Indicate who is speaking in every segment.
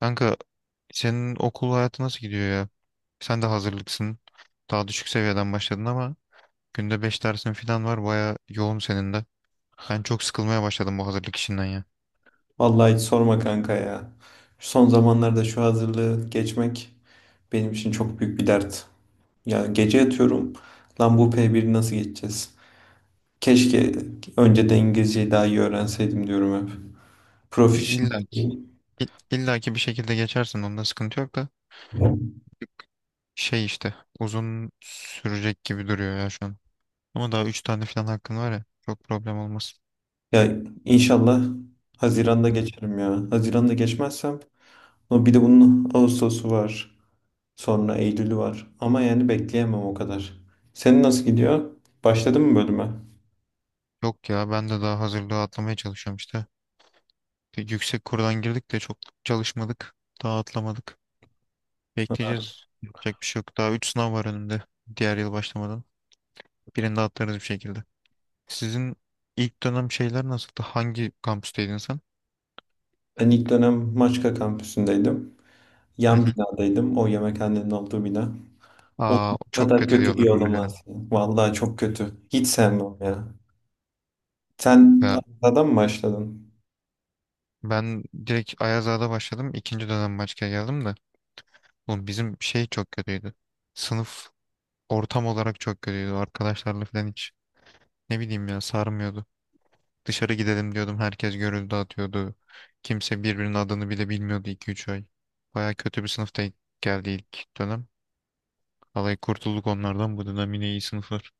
Speaker 1: Kanka, senin okul hayatı nasıl gidiyor ya? Sen de hazırlıksın. Daha düşük seviyeden başladın ama günde 5 dersin falan var. Baya yoğun senin de. Ben çok sıkılmaya başladım bu hazırlık işinden ya.
Speaker 2: Vallahi hiç sorma kanka ya. Şu son zamanlarda şu hazırlığı geçmek benim için çok büyük bir dert. Ya gece yatıyorum. Lan bu p biri nasıl geçeceğiz? Keşke önceden İngilizceyi daha iyi öğrenseydim diyorum hep.
Speaker 1: E,
Speaker 2: Proficient.
Speaker 1: İlla ki, illa ki bir şekilde geçersin. Onda sıkıntı yok da. Şey işte uzun sürecek gibi duruyor ya şu an. Ama daha 3 tane falan hakkın var ya. Çok problem olmaz.
Speaker 2: Ya inşallah Haziran'da geçerim ya. Haziran'da geçmezsem ama bir de bunun Ağustos'u var. Sonra Eylül'ü var. Ama yani bekleyemem o kadar. Senin nasıl gidiyor? Başladın mı bölüme?
Speaker 1: Yok ya, ben de daha hazırlığı atlamaya çalışıyorum işte. Bir yüksek kurdan girdik de çok çalışmadık. Daha atlamadık. Bekleyeceğiz. Yapacak bir şey yok. Daha 3 sınav var önümde. Diğer yıl başlamadan. Birini de atlarız bir şekilde. Sizin ilk dönem şeyler nasıldı? Hangi kampüsteydin sen?
Speaker 2: Ben ilk dönem Maçka kampüsündeydim.
Speaker 1: Hı
Speaker 2: Yan
Speaker 1: hı.
Speaker 2: binadaydım. O yemekhanenin olduğu bina. Oğlum
Speaker 1: Aa,
Speaker 2: bu
Speaker 1: çok
Speaker 2: kadar
Speaker 1: kötü
Speaker 2: kötü bir
Speaker 1: diyorlar
Speaker 2: yer
Speaker 1: oraya.
Speaker 2: olamaz ya. Vallahi çok kötü. Hiç sevmem ya. Sen
Speaker 1: Ya
Speaker 2: adam mı başladın?
Speaker 1: ben direkt Ayazağa'da başladım. İkinci dönem başka geldim de. Oğlum, bizim şey çok kötüydü. Sınıf ortam olarak çok kötüydü. Arkadaşlarla falan hiç, ne bileyim ya, sarmıyordu. Dışarı gidelim diyordum. Herkes görüldü dağıtıyordu. Kimse birbirinin adını bile bilmiyordu 2-3 ay. Baya kötü bir sınıfta geldi ilk dönem. Vallahi kurtulduk onlardan. Bu dönem yine iyi sınıflar.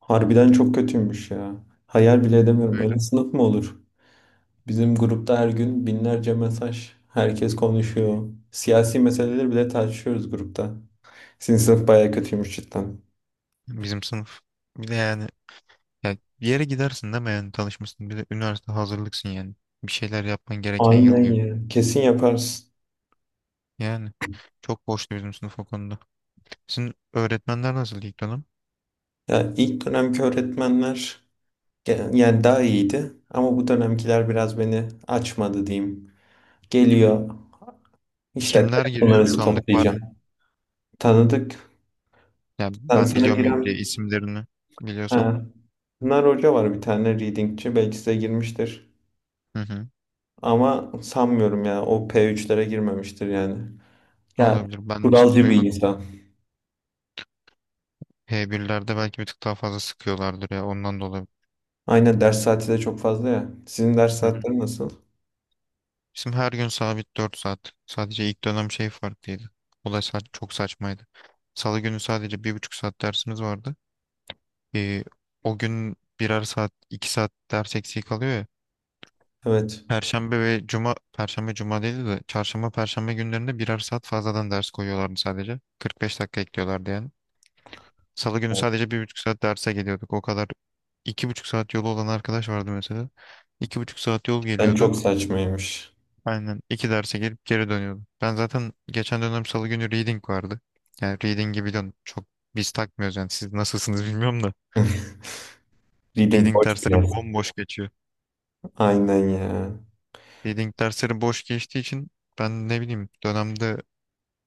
Speaker 2: Harbiden çok kötüymüş ya. Hayal bile edemiyorum. Öyle
Speaker 1: Öyle.
Speaker 2: sınıf mı olur? Bizim grupta her gün binlerce mesaj. Herkes konuşuyor. Siyasi meseleleri bile tartışıyoruz grupta. Sizin sınıf bayağı kötüymüş cidden.
Speaker 1: Bizim sınıf. Bir de yani, ya bir yere gidersin değil mi, yani tanışmışsın. Bir de üniversite hazırlıksın yani. Bir şeyler yapman gereken yıl
Speaker 2: Aynen
Speaker 1: gibi.
Speaker 2: ya. Kesin yaparsın.
Speaker 1: Yani çok boştu bizim sınıf o konuda. Sizin öğretmenler nasıl ilk dönem?
Speaker 2: Ya ilk dönemki öğretmenler yani daha iyiydi ama bu dönemkiler biraz beni açmadı diyeyim. Geliyor işte
Speaker 1: Kimler giriyor?
Speaker 2: telefonlarınızı
Speaker 1: Tanıdık var
Speaker 2: toplayacağım.
Speaker 1: mı?
Speaker 2: Tanıdık.
Speaker 1: Ya ben
Speaker 2: Sana
Speaker 1: biliyor muyum diye
Speaker 2: giren
Speaker 1: isimlerini, biliyorsan.
Speaker 2: ha. Pınar Hoca var, bir tane readingçi, belki size girmiştir.
Speaker 1: Hı hı.
Speaker 2: Ama sanmıyorum ya, o P3'lere girmemiştir yani. Ya
Speaker 1: Olabilir. Ben hiç
Speaker 2: kuralcı bir
Speaker 1: duymadım.
Speaker 2: insan.
Speaker 1: H1'lerde belki bir tık daha fazla sıkıyorlardır ya. Ondan dolayı.
Speaker 2: Aynen, ders saati de çok fazla ya. Sizin ders
Speaker 1: Hı hı.
Speaker 2: saatleri nasıl?
Speaker 1: Bizim her gün sabit 4 saat. Sadece ilk dönem şey farklıydı. O da çok saçmaydı. Salı günü sadece 1,5 saat dersimiz vardı. Ee, O gün birer saat, 2 saat ders eksiği kalıyor ya.
Speaker 2: Evet.
Speaker 1: Perşembe ve cuma, perşembe cuma değildi de çarşamba perşembe günlerinde birer saat fazladan ders koyuyorlardı sadece, 45 dakika ekliyorlardı yani. Salı günü sadece bir buçuk saat derse geliyorduk. O kadar 2,5 saat yolu olan arkadaş vardı mesela. İki buçuk saat yol
Speaker 2: Ben
Speaker 1: geliyordu.
Speaker 2: çok saçmaymış.
Speaker 1: Aynen, iki derse gelip geri dönüyordu. Ben zaten geçen dönem salı günü reading vardı. Yani reading'i biliyorsun, çok biz takmıyoruz yani, siz nasılsınız bilmiyorum da.
Speaker 2: Reading
Speaker 1: Reading
Speaker 2: boş
Speaker 1: dersleri
Speaker 2: biraz.
Speaker 1: bomboş geçiyor.
Speaker 2: Aynen ya.
Speaker 1: Reading dersleri boş geçtiği için ben, ne bileyim, dönemde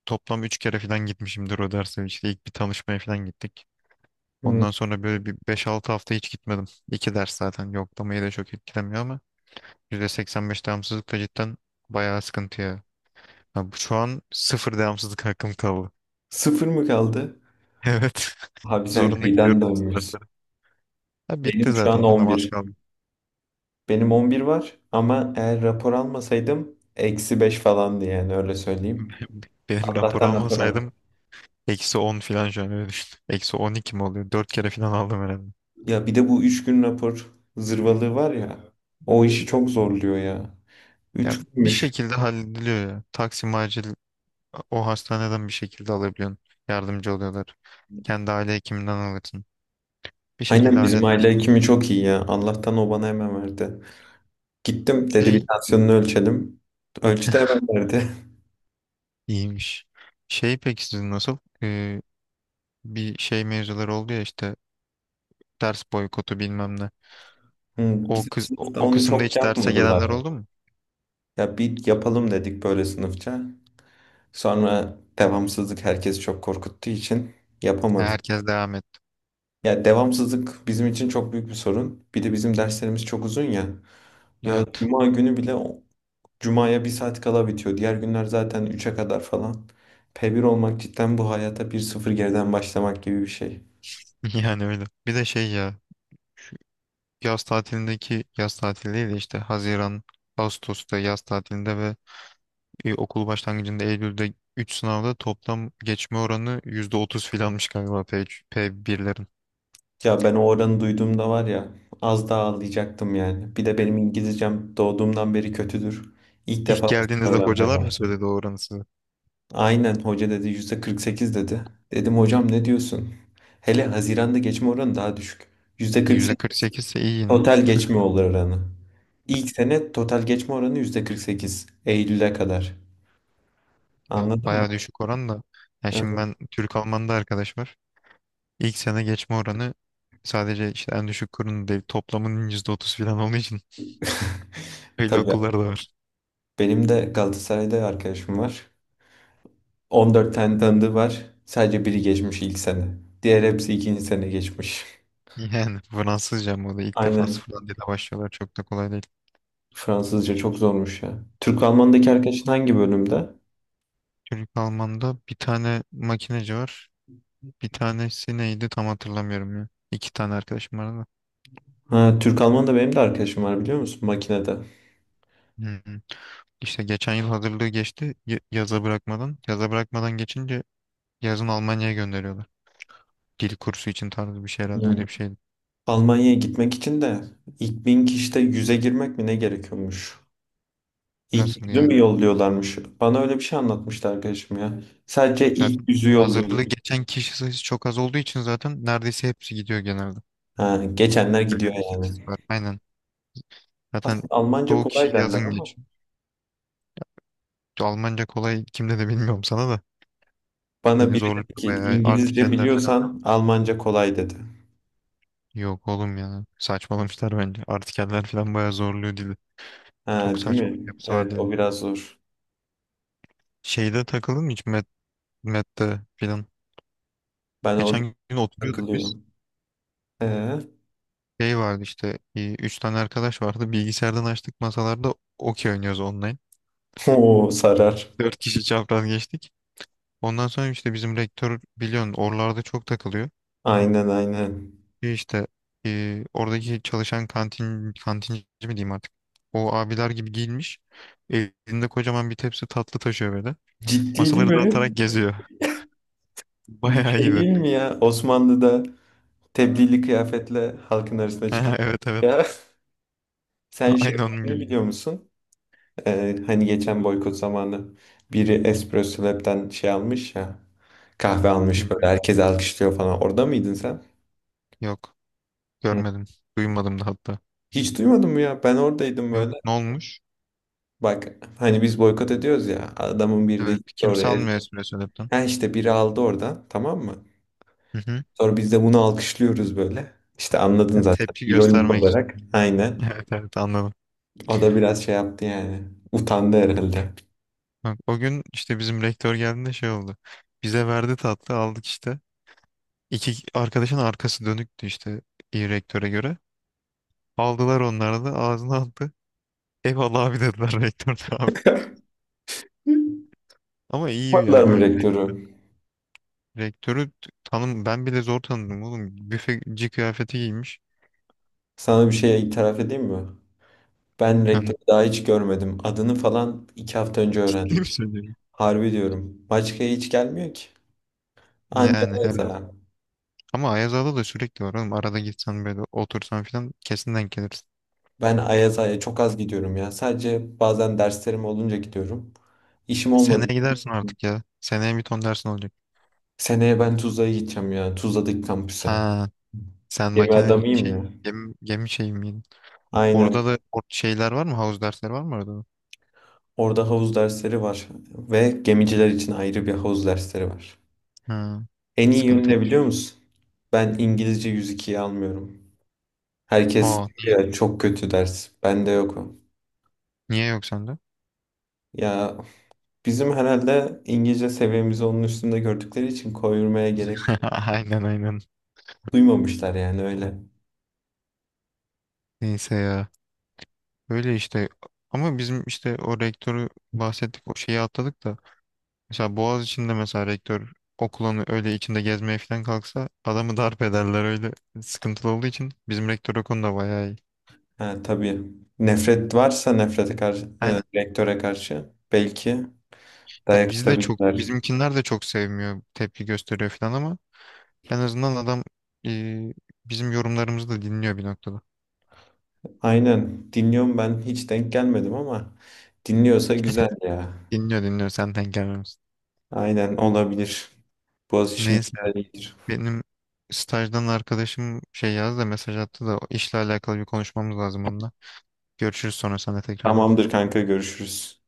Speaker 1: toplam üç kere falan gitmişimdir o derse. İşte ilk bir tanışmaya falan gittik.
Speaker 2: Hı.
Speaker 1: Ondan sonra böyle bir 5-6 hafta hiç gitmedim. İki ders zaten yoklamayı da çok etkilemiyor ama. %85 devamsızlık da cidden bayağı sıkıntı ya. Ha, şu an sıfır devamsızlık hakkım kaldı.
Speaker 2: Sıfır mı kaldı?
Speaker 1: Evet.
Speaker 2: Abi sen
Speaker 1: Zorunda
Speaker 2: kıyıdan
Speaker 1: gidiyorum bütün
Speaker 2: dönmüyorsun.
Speaker 1: derslere. Ha, bitti
Speaker 2: Benim şu an
Speaker 1: zaten.
Speaker 2: on
Speaker 1: Namaz
Speaker 2: bir.
Speaker 1: kaldı.
Speaker 2: Benim 11 var ama eğer rapor almasaydım eksi 5 falandı yani, öyle söyleyeyim.
Speaker 1: Benim rapor
Speaker 2: Allah'tan rapor aldım.
Speaker 1: almasaydım eksi 10 falan şu an, öyle düşün. Eksi 12 mi oluyor? 4 kere falan aldım herhalde.
Speaker 2: Ya bir de bu 3 gün rapor zırvalığı var ya, o işi çok zorluyor ya.
Speaker 1: Ya
Speaker 2: 3
Speaker 1: bir
Speaker 2: günmüş.
Speaker 1: şekilde hallediliyor ya. Taksim acil, o hastaneden bir şekilde alabiliyorsun. Yardımcı oluyorlar. Kendi aile hekiminden alırsın. Bir şekilde
Speaker 2: Aynen, bizim aile
Speaker 1: halledersin.
Speaker 2: hekimi çok iyi ya. Allah'tan o bana hemen verdi. Gittim, dedi bir
Speaker 1: Şey,
Speaker 2: tansiyonunu ölçelim. Ölçtü, hemen verdi.
Speaker 1: iyiymiş. Şey, peki sizin nasıl? Ee, Bir şey mevzuları oldu ya işte, ders boykotu bilmem ne.
Speaker 2: Hı,
Speaker 1: O
Speaker 2: bizim
Speaker 1: kız o,
Speaker 2: sınıfta
Speaker 1: o
Speaker 2: onu
Speaker 1: kısımda
Speaker 2: çok
Speaker 1: hiç derse
Speaker 2: yapmadılar.
Speaker 1: gelenler oldu mu?
Speaker 2: Ya bir yapalım dedik böyle sınıfça. Sonra devamsızlık herkes çok korkuttuğu için yapamadık.
Speaker 1: Herkes devam etti.
Speaker 2: Ya devamsızlık bizim için çok büyük bir sorun. Bir de bizim derslerimiz çok uzun ya. Ya
Speaker 1: Evet.
Speaker 2: cuma günü bile cumaya bir saat kala bitiyor. Diğer günler zaten üçe kadar falan. P1 olmak cidden bu hayata bir sıfır geriden başlamak gibi bir şey.
Speaker 1: Yani öyle. Bir de şey ya, yaz tatilindeki, yaz tatili değil de işte, Haziran, Ağustos'ta yaz tatilinde ve okul başlangıcında Eylül'de 3 sınavda toplam geçme oranı %30 filanmış galiba P3, P1'lerin.
Speaker 2: Ya ben o oranı duyduğumda var ya, az daha ağlayacaktım yani. Bir de benim İngilizcem doğduğumdan beri kötüdür. İlk
Speaker 1: İlk
Speaker 2: defa bu sene
Speaker 1: geldiğinizde
Speaker 2: öğrenmeye
Speaker 1: hocalar mı
Speaker 2: başladım.
Speaker 1: söyledi o oranı size?
Speaker 2: Aynen, hoca dedi %48 dedi. Dedim hocam, ne diyorsun? Hele Haziran'da geçme oranı daha düşük. %48
Speaker 1: %48 ise iyi yine.
Speaker 2: total geçme oranı. İlk sene total geçme oranı %48 Eylül'e kadar.
Speaker 1: Ya,
Speaker 2: Anladın mı?
Speaker 1: bayağı düşük oran da. Ya şimdi,
Speaker 2: Evet.
Speaker 1: ben Türk Alman'da arkadaş var. İlk sene geçme oranı sadece işte en düşük kurun değil, toplamının %30 falan olduğu için öyle
Speaker 2: Tabii,
Speaker 1: okullar da var.
Speaker 2: benim de Galatasaray'da arkadaşım var. 14 tane tanıdığı var. Sadece biri geçmiş ilk sene. Diğer hepsi ikinci sene geçmiş.
Speaker 1: Yani Fransızca mı o da, ilk defa
Speaker 2: Aynen.
Speaker 1: sıfırdan dile başlıyorlar, çok da kolay değil.
Speaker 2: Fransızca çok zormuş ya. Türk-Alman'daki arkadaşın hangi bölümde?
Speaker 1: Çocuk Alman'da bir tane makineci var. Bir tanesi neydi tam hatırlamıyorum ya. İki tane arkadaşım var da.
Speaker 2: Ha, Türk-Alman da benim de arkadaşım var, biliyor musun? Makinede.
Speaker 1: Hı hı. İşte geçen yıl hazırlığı geçti, yaza bırakmadan. Yaza bırakmadan geçince yazın Almanya'ya gönderiyorlar. Dil kursu için tarzı bir şey herhalde,
Speaker 2: Hmm.
Speaker 1: öyle bir şey.
Speaker 2: Almanya'ya gitmek için de ilk 1.000 kişide 100'e girmek mi ne gerekiyormuş? İlk
Speaker 1: Nasıl
Speaker 2: 100'ü mü
Speaker 1: yani?
Speaker 2: yolluyorlarmış? Bana öyle bir şey anlatmıştı arkadaşım ya. Sadece ilk
Speaker 1: Zaten
Speaker 2: 100'ü yolluyorlar.
Speaker 1: hazırlığı geçen kişi sayısı çok az olduğu için zaten neredeyse hepsi gidiyor genelde.
Speaker 2: Ha, geçenler gidiyor
Speaker 1: Böyle bir istatistik
Speaker 2: yani.
Speaker 1: var. Aynen. Zaten
Speaker 2: Aslında Almanca
Speaker 1: çoğu
Speaker 2: kolay
Speaker 1: kişi
Speaker 2: derler
Speaker 1: yazın
Speaker 2: ama
Speaker 1: geçiyor. Almanca kolay, kimde de bilmiyorum sana da.
Speaker 2: bana
Speaker 1: Beni
Speaker 2: biri
Speaker 1: zorluyor
Speaker 2: dedi ki,
Speaker 1: bayağı.
Speaker 2: İngilizce
Speaker 1: Artikeller falan.
Speaker 2: biliyorsan Almanca kolay dedi.
Speaker 1: Yok oğlum ya. Saçmalamışlar bence. Artikeller falan bayağı zorluyor dili.
Speaker 2: Ha,
Speaker 1: Çok
Speaker 2: değil
Speaker 1: saçma bir
Speaker 2: mi?
Speaker 1: yapısı var
Speaker 2: Evet, o
Speaker 1: dilin.
Speaker 2: biraz zor.
Speaker 1: Şeyde takıldın mı hiç Met'te falan?
Speaker 2: Ben orada
Speaker 1: Geçen gün oturuyorduk biz.
Speaker 2: takılıyorum. Ee,
Speaker 1: Şey vardı işte. Üç tane arkadaş vardı. Bilgisayardan açtık, masalarda okey oynuyoruz online.
Speaker 2: o sarar.
Speaker 1: Dört kişi çapraz geçtik. Ondan sonra işte bizim rektör, biliyorsun, oralarda çok takılıyor.
Speaker 2: Aynen, aynen.
Speaker 1: Bir işte oradaki çalışan kantinci mi diyeyim artık. O abiler gibi giyinmiş. Elinde kocaman bir tepsi tatlı taşıyor böyle.
Speaker 2: Ciddili
Speaker 1: Masaları
Speaker 2: mi?
Speaker 1: dağıtarak geziyor.
Speaker 2: Bu
Speaker 1: Bayağı
Speaker 2: şey
Speaker 1: iyiydi.
Speaker 2: değil mi ya? Osmanlı'da tebdili kıyafetle halkın arasına çıkan.
Speaker 1: Ha, evet, evet.
Speaker 2: Ya sen şey
Speaker 1: Aynı onun
Speaker 2: olayını
Speaker 1: gibiydi.
Speaker 2: biliyor musun? Hani geçen boykot zamanı biri Espresso Lab'den şey almış ya. Kahve almış böyle,
Speaker 1: Bilmiyorum.
Speaker 2: herkes alkışlıyor falan. Orada mıydın sen?
Speaker 1: Yok.
Speaker 2: Hı.
Speaker 1: Görmedim. Duymadım da hatta.
Speaker 2: Hiç duymadın mı ya? Ben oradaydım böyle.
Speaker 1: Yok. Ne olmuş?
Speaker 2: Bak, hani biz boykot ediyoruz ya. Adamın biri de
Speaker 1: Evet.
Speaker 2: gitti
Speaker 1: Kimse
Speaker 2: oraya.
Speaker 1: almıyor espresso lap'ten.
Speaker 2: Ha, işte biri aldı oradan, tamam mı?
Speaker 1: Hı hı.
Speaker 2: Sonra biz de bunu alkışlıyoruz böyle. İşte anladın zaten,
Speaker 1: Tepki
Speaker 2: İronik
Speaker 1: göstermek için.
Speaker 2: olarak. Aynen.
Speaker 1: Evet, evet, anladım.
Speaker 2: O da biraz şey yaptı yani. Utandı herhalde.
Speaker 1: Bak, o gün işte bizim rektör geldiğinde şey oldu. Bize verdi, tatlı aldık işte. İki arkadaşın arkası dönüktü işte, iyi rektöre göre. Aldılar, onları da ağzına attı. Eyvallah abi dediler, rektör de abi.
Speaker 2: Hı?
Speaker 1: Ama iyi
Speaker 2: Yapmadılar
Speaker 1: ya
Speaker 2: mı
Speaker 1: böyle
Speaker 2: rektörü?
Speaker 1: rektörü, tanım, ben bile zor tanıdım oğlum. Büfeci kıyafeti giymiş.
Speaker 2: Sana bir şey itiraf edeyim mi? Ben
Speaker 1: Yani,
Speaker 2: rektörü daha hiç görmedim. Adını falan 2 hafta önce
Speaker 1: kim
Speaker 2: öğrendim.
Speaker 1: söylüyor?
Speaker 2: Harbi diyorum. Başka hiç gelmiyor ki. Anca
Speaker 1: Yani evet.
Speaker 2: Ayaz'a.
Speaker 1: Ama Ayaz Ağa'da da sürekli var oğlum. Arada gitsen böyle, otursan falan kesin denk gelirsin.
Speaker 2: Ben Ayaz'a çok az gidiyorum ya. Sadece bazen derslerim olunca gidiyorum. İşim olmadı.
Speaker 1: Seneye gidersin artık ya. Seneye bir ton dersin olacak.
Speaker 2: Seneye ben Tuzla'ya gideceğim ya. Tuzla'daki kampüse.
Speaker 1: Ha, sen
Speaker 2: Gemi
Speaker 1: makine,
Speaker 2: adamıyım
Speaker 1: şey,
Speaker 2: ya.
Speaker 1: gemi şey miydin?
Speaker 2: Aynen.
Speaker 1: Orada da, şeyler var mı? Havuz dersleri var mı orada da?
Speaker 2: Orada havuz dersleri var. Ve gemiciler için ayrı bir havuz dersleri var.
Speaker 1: Ha,
Speaker 2: En iyi yönü ne
Speaker 1: sıkıntıymış.
Speaker 2: biliyor musun? Ben İngilizce 102'yi almıyorum. Herkes
Speaker 1: Aa,
Speaker 2: diyor ya, çok kötü ders. Bende yok o.
Speaker 1: niye yok sende?
Speaker 2: Ya bizim herhalde İngilizce seviyemizi onun üstünde gördükleri için koyurmaya gerek
Speaker 1: Aynen, aynen.
Speaker 2: duymamışlar yani, öyle.
Speaker 1: Neyse ya. Öyle işte. Ama bizim işte, o rektörü bahsettik, o şeyi atladık da. Mesela Boğaz içinde mesela rektör okulun öyle içinde gezmeye falan kalksa adamı darp ederler, öyle sıkıntılı olduğu için. Bizim rektör o konuda bayağı iyi.
Speaker 2: Ha, tabii, nefret varsa nefrete karşı,
Speaker 1: Aynen.
Speaker 2: rektöre karşı belki
Speaker 1: Ya
Speaker 2: dayak
Speaker 1: biz de çok,
Speaker 2: atabilirler.
Speaker 1: bizimkinler de çok sevmiyor, tepki gösteriyor falan, ama en azından adam e, bizim yorumlarımızı da dinliyor bir noktada.
Speaker 2: Aynen dinliyorum, ben hiç denk gelmedim ama dinliyorsa güzel ya.
Speaker 1: Dinliyor, dinliyor, senden gelmemiz.
Speaker 2: Aynen, olabilir. Boğaziçi'nin
Speaker 1: Neyse,
Speaker 2: güzel iyidir.
Speaker 1: benim stajdan arkadaşım şey yazdı da, mesaj attı da, o işle alakalı bir konuşmamız lazım onunla. Görüşürüz sonra sana tekrardan.
Speaker 2: Tamamdır kanka, görüşürüz.